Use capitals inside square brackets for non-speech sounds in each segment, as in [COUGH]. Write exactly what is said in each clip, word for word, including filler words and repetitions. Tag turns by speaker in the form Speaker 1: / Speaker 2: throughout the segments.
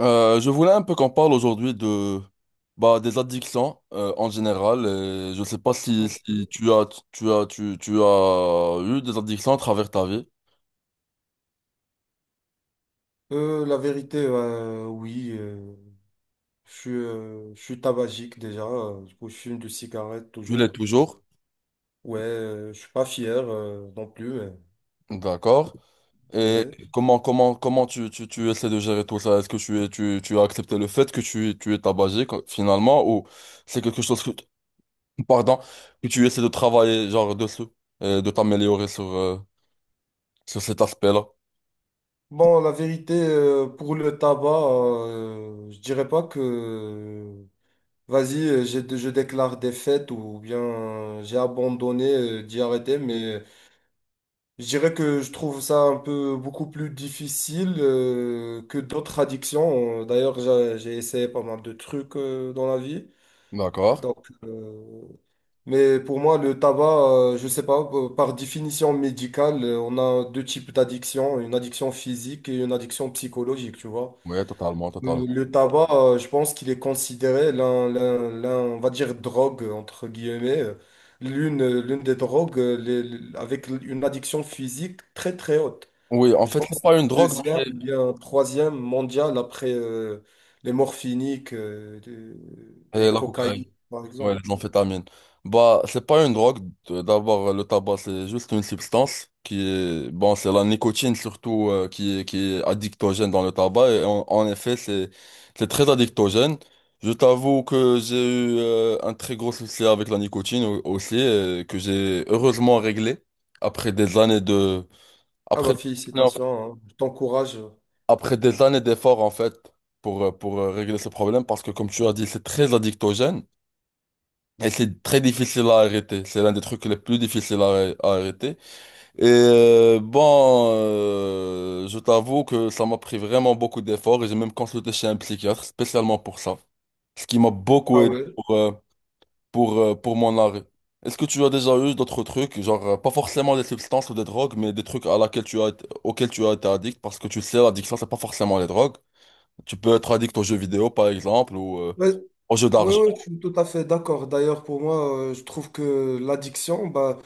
Speaker 1: Euh, je voulais un peu qu'on parle aujourd'hui de bah, des addictions euh, en général. Et je sais pas si, si
Speaker 2: Ok.
Speaker 1: tu as tu as tu, tu as eu des addictions à travers ta vie.
Speaker 2: Euh, la vérité, euh, oui, euh, je suis, euh, je suis tabagique déjà, euh, du coup, je fume de cigarette
Speaker 1: Tu l'es
Speaker 2: toujours.
Speaker 1: toujours,
Speaker 2: Ouais, euh, je suis pas fier euh, non plus,
Speaker 1: d'accord.
Speaker 2: mais
Speaker 1: Et
Speaker 2: ouais.
Speaker 1: comment comment comment tu, tu, tu essaies de gérer tout ça? Est-ce que tu es tu, tu as accepté le fait que tu, tu es tabagique quoi, finalement, ou c'est quelque chose que [LAUGHS] pardon que tu essaies de travailler genre dessus et de t'améliorer sur euh, sur cet aspect-là?
Speaker 2: Bon, la vérité, euh, pour le tabac, euh, je dirais pas que, vas-y, euh, j'ai- je déclare des fêtes ou bien euh, j'ai abandonné euh, d'y arrêter, mais je dirais que je trouve ça un peu beaucoup plus difficile euh, que d'autres addictions. Euh, D'ailleurs, j'a- j'ai essayé pas mal de trucs euh, dans la vie.
Speaker 1: D'accord.
Speaker 2: Donc, euh, mais pour moi, le tabac, euh, je sais pas, euh, par définition médicale, euh, on a deux types d'addictions, une addiction physique et une addiction psychologique, tu vois.
Speaker 1: Oui, totalement, totalement.
Speaker 2: Euh, Le tabac, euh, je pense qu'il est considéré l'un, l'un, l'un, on va dire, drogue, entre guillemets. euh, L'une, l'une des drogues euh, les- les- avec une addiction physique très, très haute.
Speaker 1: Oui, en
Speaker 2: Je
Speaker 1: fait, c'est
Speaker 2: pense
Speaker 1: pas une drogue,
Speaker 2: deuxième
Speaker 1: mais
Speaker 2: ou bien troisième mondial après euh, les morphiniques euh, de-
Speaker 1: c'est euh,
Speaker 2: et
Speaker 1: la cocaïne,
Speaker 2: cocaïne, par
Speaker 1: ouais,
Speaker 2: exemple.
Speaker 1: l'amphétamine. Bah, c'est pas une drogue. de- D'abord, le tabac, c'est juste une substance qui est, bon, c'est la nicotine surtout euh, qui est, qui est addictogène dans le tabac. Et en, en effet, c'est, c'est très addictogène. Je t'avoue que j'ai eu euh, un très gros souci avec la nicotine au- aussi, euh, que j'ai heureusement réglé après des années de,
Speaker 2: Ah
Speaker 1: après
Speaker 2: bah félicitations, hein. Je t'encourage.
Speaker 1: après des années d'efforts, en fait, pour, euh, pour euh, régler ce problème, parce que comme tu as dit, c'est très addictogène et c'est très difficile à arrêter. C'est l'un des trucs les plus difficiles à, à arrêter. Et euh, bon, euh, je t'avoue que ça m'a pris vraiment beaucoup d'efforts et j'ai même consulté chez un psychiatre spécialement pour ça, ce qui m'a beaucoup
Speaker 2: Ah
Speaker 1: aidé
Speaker 2: ouais.
Speaker 1: pour, euh, pour, euh, pour mon arrêt. Est-ce que tu as déjà eu d'autres trucs, genre euh, pas forcément des substances ou des drogues, mais des trucs à laquelle tu as été- auxquels tu as été addict, parce que tu sais, l'addiction, c'est pas forcément les drogues. Tu peux être addict aux jeux vidéo, par exemple, ou euh,
Speaker 2: Ouais,
Speaker 1: aux jeux
Speaker 2: ouais,
Speaker 1: d'argent.
Speaker 2: ouais, je suis tout à fait d'accord. D'ailleurs, pour moi, euh, je trouve que l'addiction, bah,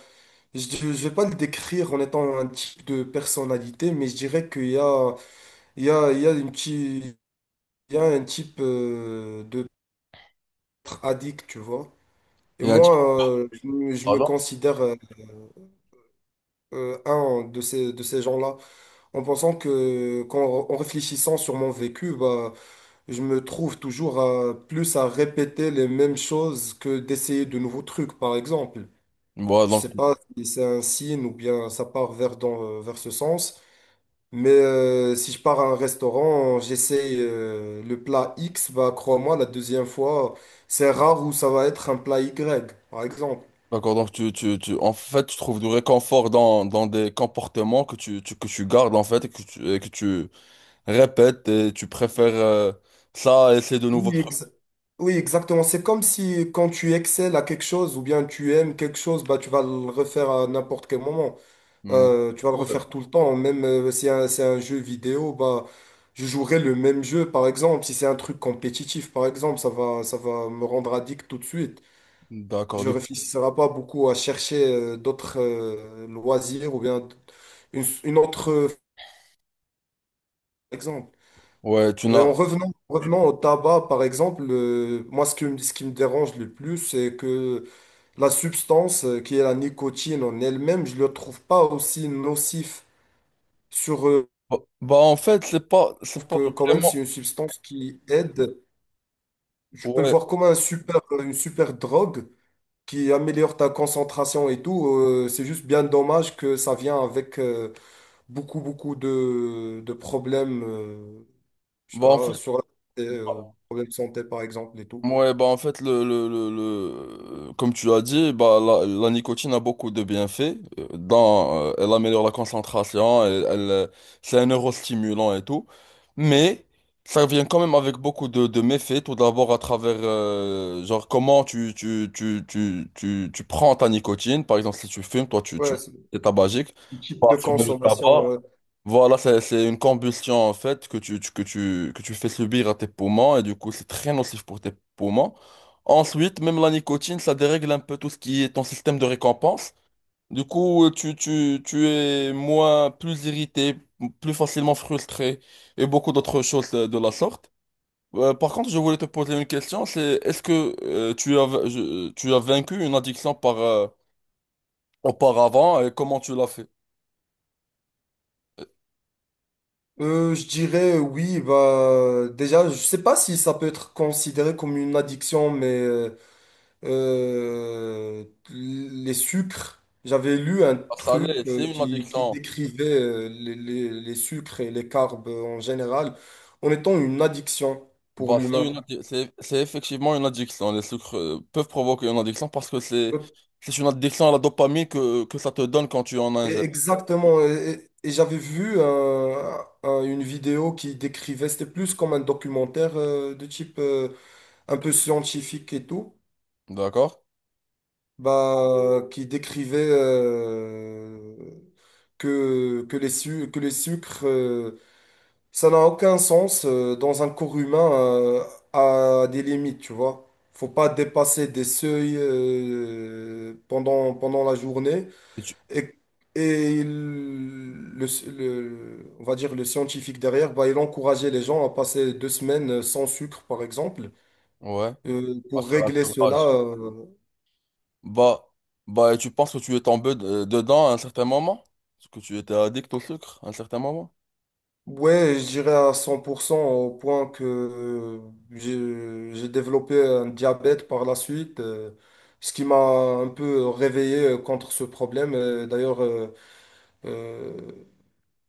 Speaker 2: je ne vais pas le décrire en étant un type de personnalité, mais je dirais qu'il y a, il y a, il y a une petite, il y a un type euh, de addict, tu vois. Et
Speaker 1: Il y a un type de
Speaker 2: moi, euh, je, me je me
Speaker 1: talent.
Speaker 2: considère euh, euh, un de ces, de ces gens-là, en pensant que, qu'en, en réfléchissant sur mon vécu, bah, je me trouve toujours à, plus à répéter les mêmes choses que d'essayer de nouveaux trucs, par exemple.
Speaker 1: Voilà,
Speaker 2: Je
Speaker 1: donc,
Speaker 2: sais pas si c'est un signe ou bien ça part vers, dans, euh, vers ce sens, mais euh, si je pars à un restaurant, j'essaye euh, le plat X, bah, crois-moi, la deuxième fois, c'est rare où ça va être un plat Y, par exemple.
Speaker 1: d'accord, donc tu, tu, tu, en fait, tu trouves du réconfort dans, dans des comportements que tu, tu- que tu gardes, en fait, et que tu, et que tu répètes, et tu préfères euh, ça à essayer de nouveaux trucs.
Speaker 2: Oui, exactement. C'est comme si quand tu excelles à quelque chose ou bien tu aimes quelque chose, bah, tu vas le refaire à n'importe quel moment.
Speaker 1: Mm.
Speaker 2: Euh, tu
Speaker 1: Du
Speaker 2: vas le
Speaker 1: coup, euh,
Speaker 2: refaire tout le temps. Même euh, si un- c'est un jeu vidéo, bah, je jouerai le même jeu, par exemple. Si c'est un truc compétitif, par exemple, ça va, ça va me rendre addict tout de suite.
Speaker 1: d'accord,
Speaker 2: Je
Speaker 1: du coup.
Speaker 2: réfléchirai pas beaucoup à chercher euh, d'autres euh, loisirs ou bien une, une autre, euh, par exemple.
Speaker 1: Ouais, tu
Speaker 2: Euh,
Speaker 1: n'as...
Speaker 2: en revenant, revenant au tabac, par exemple, euh, moi, ce que, ce qui me dérange le plus, c'est que la substance euh, qui est la nicotine en elle-même, je ne le trouve pas aussi nocif sur euh,
Speaker 1: Bah, bah, en fait, c'est pas,
Speaker 2: je
Speaker 1: c'est
Speaker 2: trouve
Speaker 1: pas
Speaker 2: que quand même
Speaker 1: vraiment...
Speaker 2: c'est une substance qui aide. Je peux le
Speaker 1: Ouais,
Speaker 2: voir comme un super, une super drogue qui améliore ta concentration et tout. Euh, c'est juste bien dommage que ça vient avec euh, beaucoup, beaucoup de, de problèmes, euh, je sais
Speaker 1: bah, en fait...
Speaker 2: pas, sur la santé, euh, problèmes de santé par exemple et tout.
Speaker 1: Ouais, bah en fait, le, le, le, le- comme tu as dit, bah, la, la nicotine a beaucoup de bienfaits. Euh, Dans, euh, elle améliore la concentration, elle, elle, euh, c'est un neurostimulant et tout. Mais ça vient quand même avec beaucoup de, de méfaits. Tout d'abord, à travers euh, genre comment tu, tu, tu, tu, tu, tu prends ta nicotine. Par exemple, si tu fumes, toi, tu, tu
Speaker 2: Ouais, c'est
Speaker 1: es tabagique.
Speaker 2: le type
Speaker 1: Pas
Speaker 2: de
Speaker 1: fumer le
Speaker 2: consommation.
Speaker 1: tabac.
Speaker 2: Ouais.
Speaker 1: Voilà, c'est, c'est une combustion en fait que tu, tu- que tu, que tu fais subir à tes poumons et du coup c'est très nocif pour tes poumons. Ensuite, même la nicotine, ça dérègle un peu tout ce qui est ton système de récompense. Du coup, euh, tu, tu, tu es moins, plus irrité, plus facilement frustré et beaucoup d'autres choses euh, de la sorte. Euh, par contre, je voulais te poser une question, c'est est-ce que euh, tu as, je- tu as vaincu une addiction par, euh, auparavant et comment tu l'as fait?
Speaker 2: Euh, je dirais euh, oui, bah déjà, je sais pas si ça peut être considéré comme une addiction, mais euh, euh, les sucres, j'avais lu un
Speaker 1: Ça l'est,
Speaker 2: truc euh,
Speaker 1: c'est une
Speaker 2: qui, qui
Speaker 1: addiction.
Speaker 2: décrivait euh, les, les- les sucres et les carbs euh, en général en étant une addiction pour
Speaker 1: Bah, c'est une
Speaker 2: l'humain.
Speaker 1: addi- c'est c'est effectivement une addiction. Les sucres euh, peuvent provoquer une addiction parce que c'est c'est une addiction à la dopamine que, que ça te donne quand tu en
Speaker 2: Et
Speaker 1: ingères.
Speaker 2: exactement. Et, et- et j'avais vu un- un- une vidéo qui décrivait, c'était plus comme un documentaire euh, de type euh, un peu scientifique et tout.
Speaker 1: D'accord?
Speaker 2: Bah, qui décrivait euh, que, que les su- que les sucres, euh, ça n'a aucun sens euh, dans un corps humain euh, à des limites, tu vois. Faut pas dépasser des seuils euh, pendant, pendant la journée.
Speaker 1: Et tu-
Speaker 2: Et, et il- le, le- on va dire le scientifique derrière, bah, il encourageait les gens à passer deux semaines euh, sans sucre, par exemple,
Speaker 1: Ouais.
Speaker 2: euh,
Speaker 1: À
Speaker 2: pour
Speaker 1: faire un
Speaker 2: régler cela.
Speaker 1: sevrage.
Speaker 2: euh,
Speaker 1: Bah, bah, et tu penses que tu es tombé de- dedans à un certain moment? Parce que tu étais addict au sucre à un certain moment?
Speaker 2: Ouais, je dirais à cent pour cent au point que euh, j'ai j'ai développé un diabète par la suite, euh, ce qui m'a un peu réveillé euh, contre ce problème. Euh, D'ailleurs, euh, euh,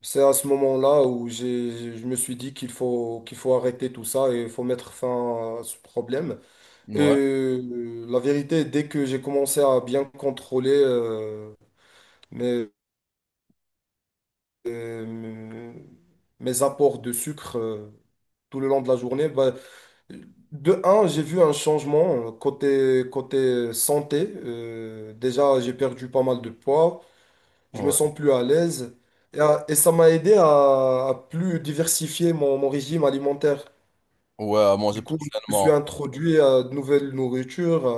Speaker 2: c'est à ce moment-là où j'ai, je me suis dit qu'il faut, qu'il faut arrêter tout ça et il faut mettre fin à ce problème. Et
Speaker 1: Ouais.
Speaker 2: euh, la vérité, dès que j'ai commencé à bien contrôler euh, mes, euh, mes apports de sucre euh, tout le long de la journée, bah, de un, j'ai vu un changement euh, côté, côté santé. Euh, déjà, j'ai perdu pas mal de poids. Je me
Speaker 1: Ouais.
Speaker 2: sens plus à l'aise. Et, à- et ça m'a aidé à, à plus diversifier mon, mon régime alimentaire.
Speaker 1: Ouais, à manger
Speaker 2: Du
Speaker 1: plus
Speaker 2: coup, je me suis
Speaker 1: sainement.
Speaker 2: introduit à de nouvelles nourritures, à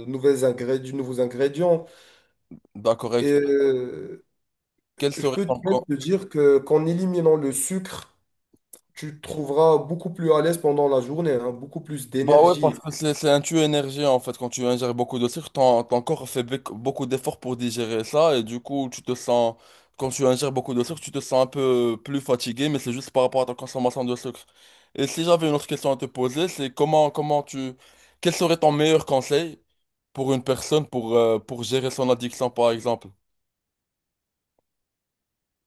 Speaker 2: de nouvelles ingrédients, de nouveaux ingrédients.
Speaker 1: D'accord. Et
Speaker 2: Et euh,
Speaker 1: quel
Speaker 2: je
Speaker 1: serait
Speaker 2: peux
Speaker 1: ton
Speaker 2: même te dire que, qu'en éliminant le sucre, tu te trouveras beaucoup plus à l'aise pendant la journée, hein, beaucoup plus
Speaker 1: bah ouais, parce
Speaker 2: d'énergie.
Speaker 1: que c'est c'est un tueur énergie en fait. Quand tu ingères beaucoup de sucre, ton, ton corps fait bec- beaucoup d'efforts pour digérer ça et du coup, tu te sens, Quand tu ingères beaucoup de sucre, tu te sens un peu plus fatigué, mais c'est juste par rapport à ta consommation de sucre. Et si j'avais une autre question à te poser, c'est comment, comment tu, quel serait ton meilleur conseil pour une personne pour, euh, pour gérer son addiction par exemple?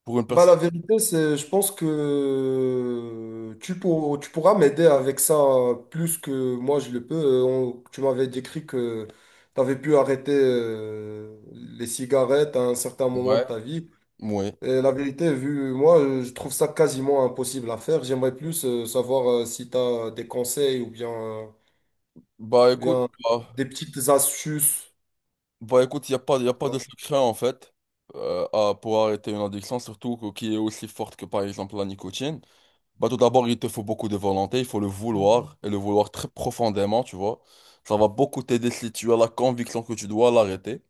Speaker 1: Pour une
Speaker 2: Bah,
Speaker 1: personne.
Speaker 2: la vérité, c'est, je pense que tu, pour- tu pourras m'aider avec ça plus que moi je le peux. Euh, on- tu m'avais décrit que tu avais pu arrêter euh, les cigarettes à un certain moment
Speaker 1: Ouais.
Speaker 2: de ta vie.
Speaker 1: Ouais.
Speaker 2: Et la vérité, vu moi, euh, je trouve ça quasiment impossible à faire. J'aimerais plus euh, savoir euh, si tu as des conseils ou bien, euh,
Speaker 1: Bah
Speaker 2: ou
Speaker 1: écoute.
Speaker 2: bien
Speaker 1: bah,
Speaker 2: des petites astuces.
Speaker 1: Bah écoute, il n'y a pas, y a pas de secret en fait euh, à- pour arrêter une addiction, surtout que- qui est aussi forte que par exemple la nicotine. Bah tout d'abord, il te faut beaucoup de volonté, il faut le vouloir et le vouloir très profondément, tu vois. Ça va beaucoup t'aider si tu as la conviction que tu dois l'arrêter.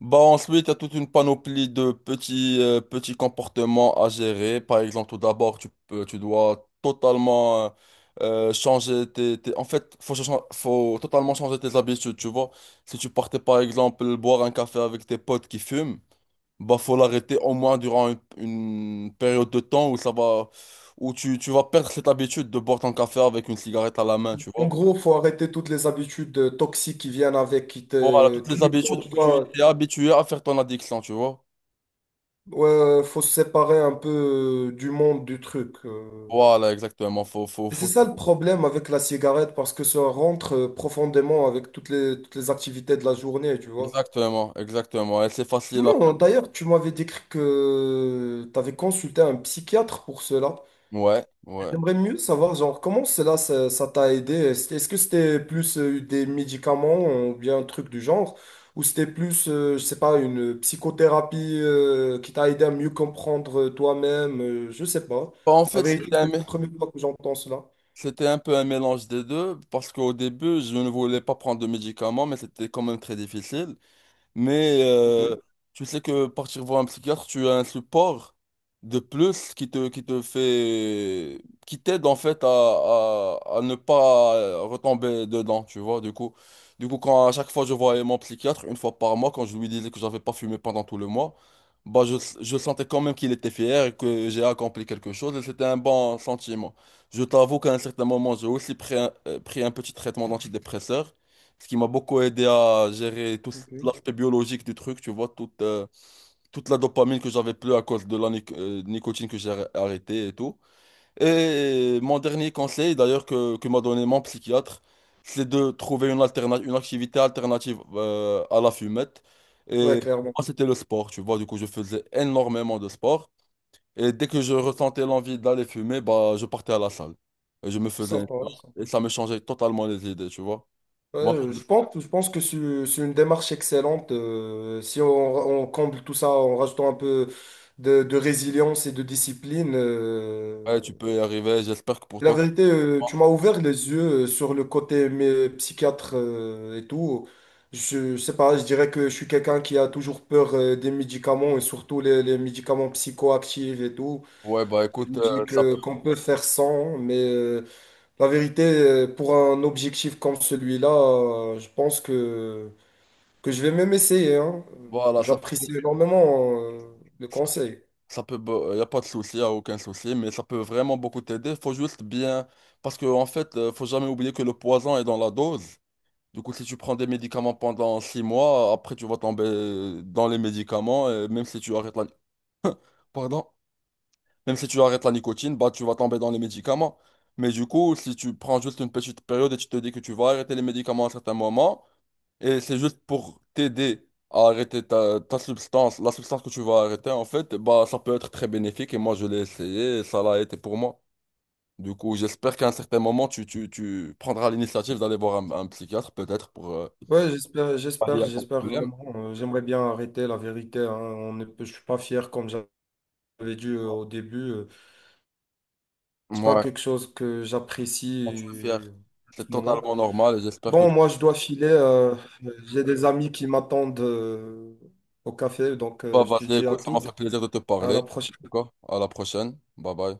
Speaker 1: Bah ensuite, il y a toute une panoplie de petits, euh, petits comportements à gérer. Par exemple, tout d'abord, tu peux, tu dois totalement euh, euh, changer tes, tes- en fait, faut, cha- faut totalement changer tes habitudes, tu vois. Si tu partais, par exemple, boire un café avec tes potes qui fument, bah faut l'arrêter au moins durant une, une période de temps où ça va... où tu, tu vas perdre cette habitude de boire ton café avec une cigarette à la main, tu
Speaker 2: En
Speaker 1: vois.
Speaker 2: gros, faut arrêter toutes les habitudes euh, toxiques qui viennent avec, qui
Speaker 1: Voilà,
Speaker 2: te,
Speaker 1: toutes
Speaker 2: tous
Speaker 1: les
Speaker 2: les- temps,
Speaker 1: habitudes où
Speaker 2: tu
Speaker 1: tu
Speaker 2: dois-
Speaker 1: es habitué à faire ton addiction, tu vois.
Speaker 2: Ouais, ouais, faut se séparer un peu euh, du monde du truc. euh.
Speaker 1: Voilà, exactement. Faut, faut,
Speaker 2: Et c'est
Speaker 1: faut...
Speaker 2: ça le problème avec la cigarette, parce que ça rentre euh, profondément avec toutes les, toutes les activités de la journée, tu vois.
Speaker 1: Exactement, exactement. Et c'est facile après.
Speaker 2: Non, d'ailleurs, tu m'avais décrit que tu avais consulté un psychiatre pour cela.
Speaker 1: Ouais, ouais.
Speaker 2: J'aimerais mieux savoir, genre, comment cela, ça, ça t'a aidé? Est-ce est-ce que c'était plus euh, des médicaments ou bien un truc du genre? Ou c'était plus, euh, je sais pas, une psychothérapie euh, qui t'a aidé à mieux comprendre euh, toi-même? Euh, je sais pas.
Speaker 1: Bah, en
Speaker 2: La
Speaker 1: fait,
Speaker 2: vérité,
Speaker 1: c'était un,
Speaker 2: c'est la
Speaker 1: mé-
Speaker 2: première fois que j'entends cela.
Speaker 1: c'était un peu un mélange des deux, parce qu'au début, je ne voulais pas prendre de médicaments, mais c'était quand même très difficile. Mais
Speaker 2: Ok,
Speaker 1: euh, tu sais que partir voir un psychiatre, tu as un support de plus qui te, qui te fait, qui t'aide en fait à, à, à ne pas retomber dedans, tu vois. Du coup, du coup, quand à chaque fois je voyais mon psychiatre, une fois par mois, quand je lui disais que j'avais pas fumé pendant tout le mois, bah je, je sentais quand même qu'il était fier et que j'ai accompli quelque chose et c'était un bon sentiment. Je t'avoue qu'à un certain moment, j'ai aussi pris un, euh, pris un petit traitement d'antidépresseur. Ce qui m'a beaucoup aidé à gérer tout
Speaker 2: ok.
Speaker 1: l'aspect biologique du truc, tu vois, toute, euh, toute la dopamine que j'avais plus à cause de la nic- euh, nicotine que j'ai arr- arrêtée et tout. Et mon dernier conseil, d'ailleurs, que, que m'a donné mon psychiatre, c'est de trouver une alterna- une activité alternative euh, à la fumette.
Speaker 2: Ouais,
Speaker 1: Et pour
Speaker 2: clairement.
Speaker 1: moi, c'était le sport, tu vois. Du coup, je faisais énormément de sport. Et dès que je ressentais l'envie d'aller fumer, bah, je partais à la salle. Et je me faisais un plan.
Speaker 2: Sympa,
Speaker 1: Et
Speaker 2: sympa.
Speaker 1: ça me changeait totalement les idées, tu vois.
Speaker 2: Ouais,
Speaker 1: Bon,
Speaker 2: euh, je pense, je pense que c'est c'est une démarche excellente. Euh, si on, on comble tout ça en rajoutant un peu de, de résilience et de discipline, euh,
Speaker 1: ouais, tu peux y arriver. J'espère que pour
Speaker 2: et la
Speaker 1: toi.
Speaker 2: vérité, euh, tu m'as ouvert les yeux euh, sur le côté mais, euh, psychiatre euh, et tout. Je, je sais pas, je dirais que je suis quelqu'un qui a toujours peur euh, des médicaments et surtout les, les médicaments psychoactifs et tout.
Speaker 1: Ouais, bah
Speaker 2: Je
Speaker 1: écoute,
Speaker 2: me
Speaker 1: euh,
Speaker 2: dis
Speaker 1: ça,
Speaker 2: que qu'on peut faire sans, mais euh, la vérité, euh, pour un objectif comme celui-là, euh, je pense que, que je vais même essayer, hein.
Speaker 1: voilà, ça, peut-
Speaker 2: J'apprécie énormément euh, le
Speaker 1: ça,
Speaker 2: conseil.
Speaker 1: ça peut, il n'y a pas de souci, y a aucun souci, mais ça peut vraiment beaucoup t'aider. Faut juste bien, parce que en fait, euh, faut jamais oublier que le poison est dans la dose. Du coup, si tu prends des médicaments pendant six mois, après tu vas tomber dans les médicaments, et même si tu arrêtes la, pardon, même si tu arrêtes la nicotine, bah tu vas tomber dans les médicaments. Mais du coup, si tu prends juste une petite période et tu te dis que tu vas arrêter les médicaments à un certain moment, et c'est juste pour t'aider à arrêter ta, ta substance, la substance que tu vas arrêter, en fait, bah, ça peut être très bénéfique. Et moi, je l'ai essayé et ça l'a été pour moi. Du coup, j'espère qu'à un certain moment, tu, tu, tu prendras l'initiative d'aller voir un, un psychiatre, peut-être, pour euh,
Speaker 2: Ouais, j'espère,
Speaker 1: pallier
Speaker 2: j'espère,
Speaker 1: à ton
Speaker 2: j'espère
Speaker 1: problème.
Speaker 2: vraiment. Euh, j'aimerais bien arrêter la vérité. Hein. On ne peut- je suis pas fier comme j'avais dit euh, au début. Euh, c'est pas
Speaker 1: Ouais,
Speaker 2: quelque chose que j'apprécie
Speaker 1: quand tu es fier,
Speaker 2: euh, en
Speaker 1: c'est
Speaker 2: ce moment.
Speaker 1: totalement normal et j'espère que tu
Speaker 2: Bon, moi, je dois filer. Euh, j'ai des amis qui m'attendent euh, au café, donc
Speaker 1: vas
Speaker 2: euh, je te
Speaker 1: vas-y,
Speaker 2: dis à
Speaker 1: Écoute, ça m'a fait
Speaker 2: toutes.
Speaker 1: plaisir de te
Speaker 2: À
Speaker 1: parler.
Speaker 2: la
Speaker 1: En tout
Speaker 2: prochaine.
Speaker 1: cas, à la prochaine. Bye bye.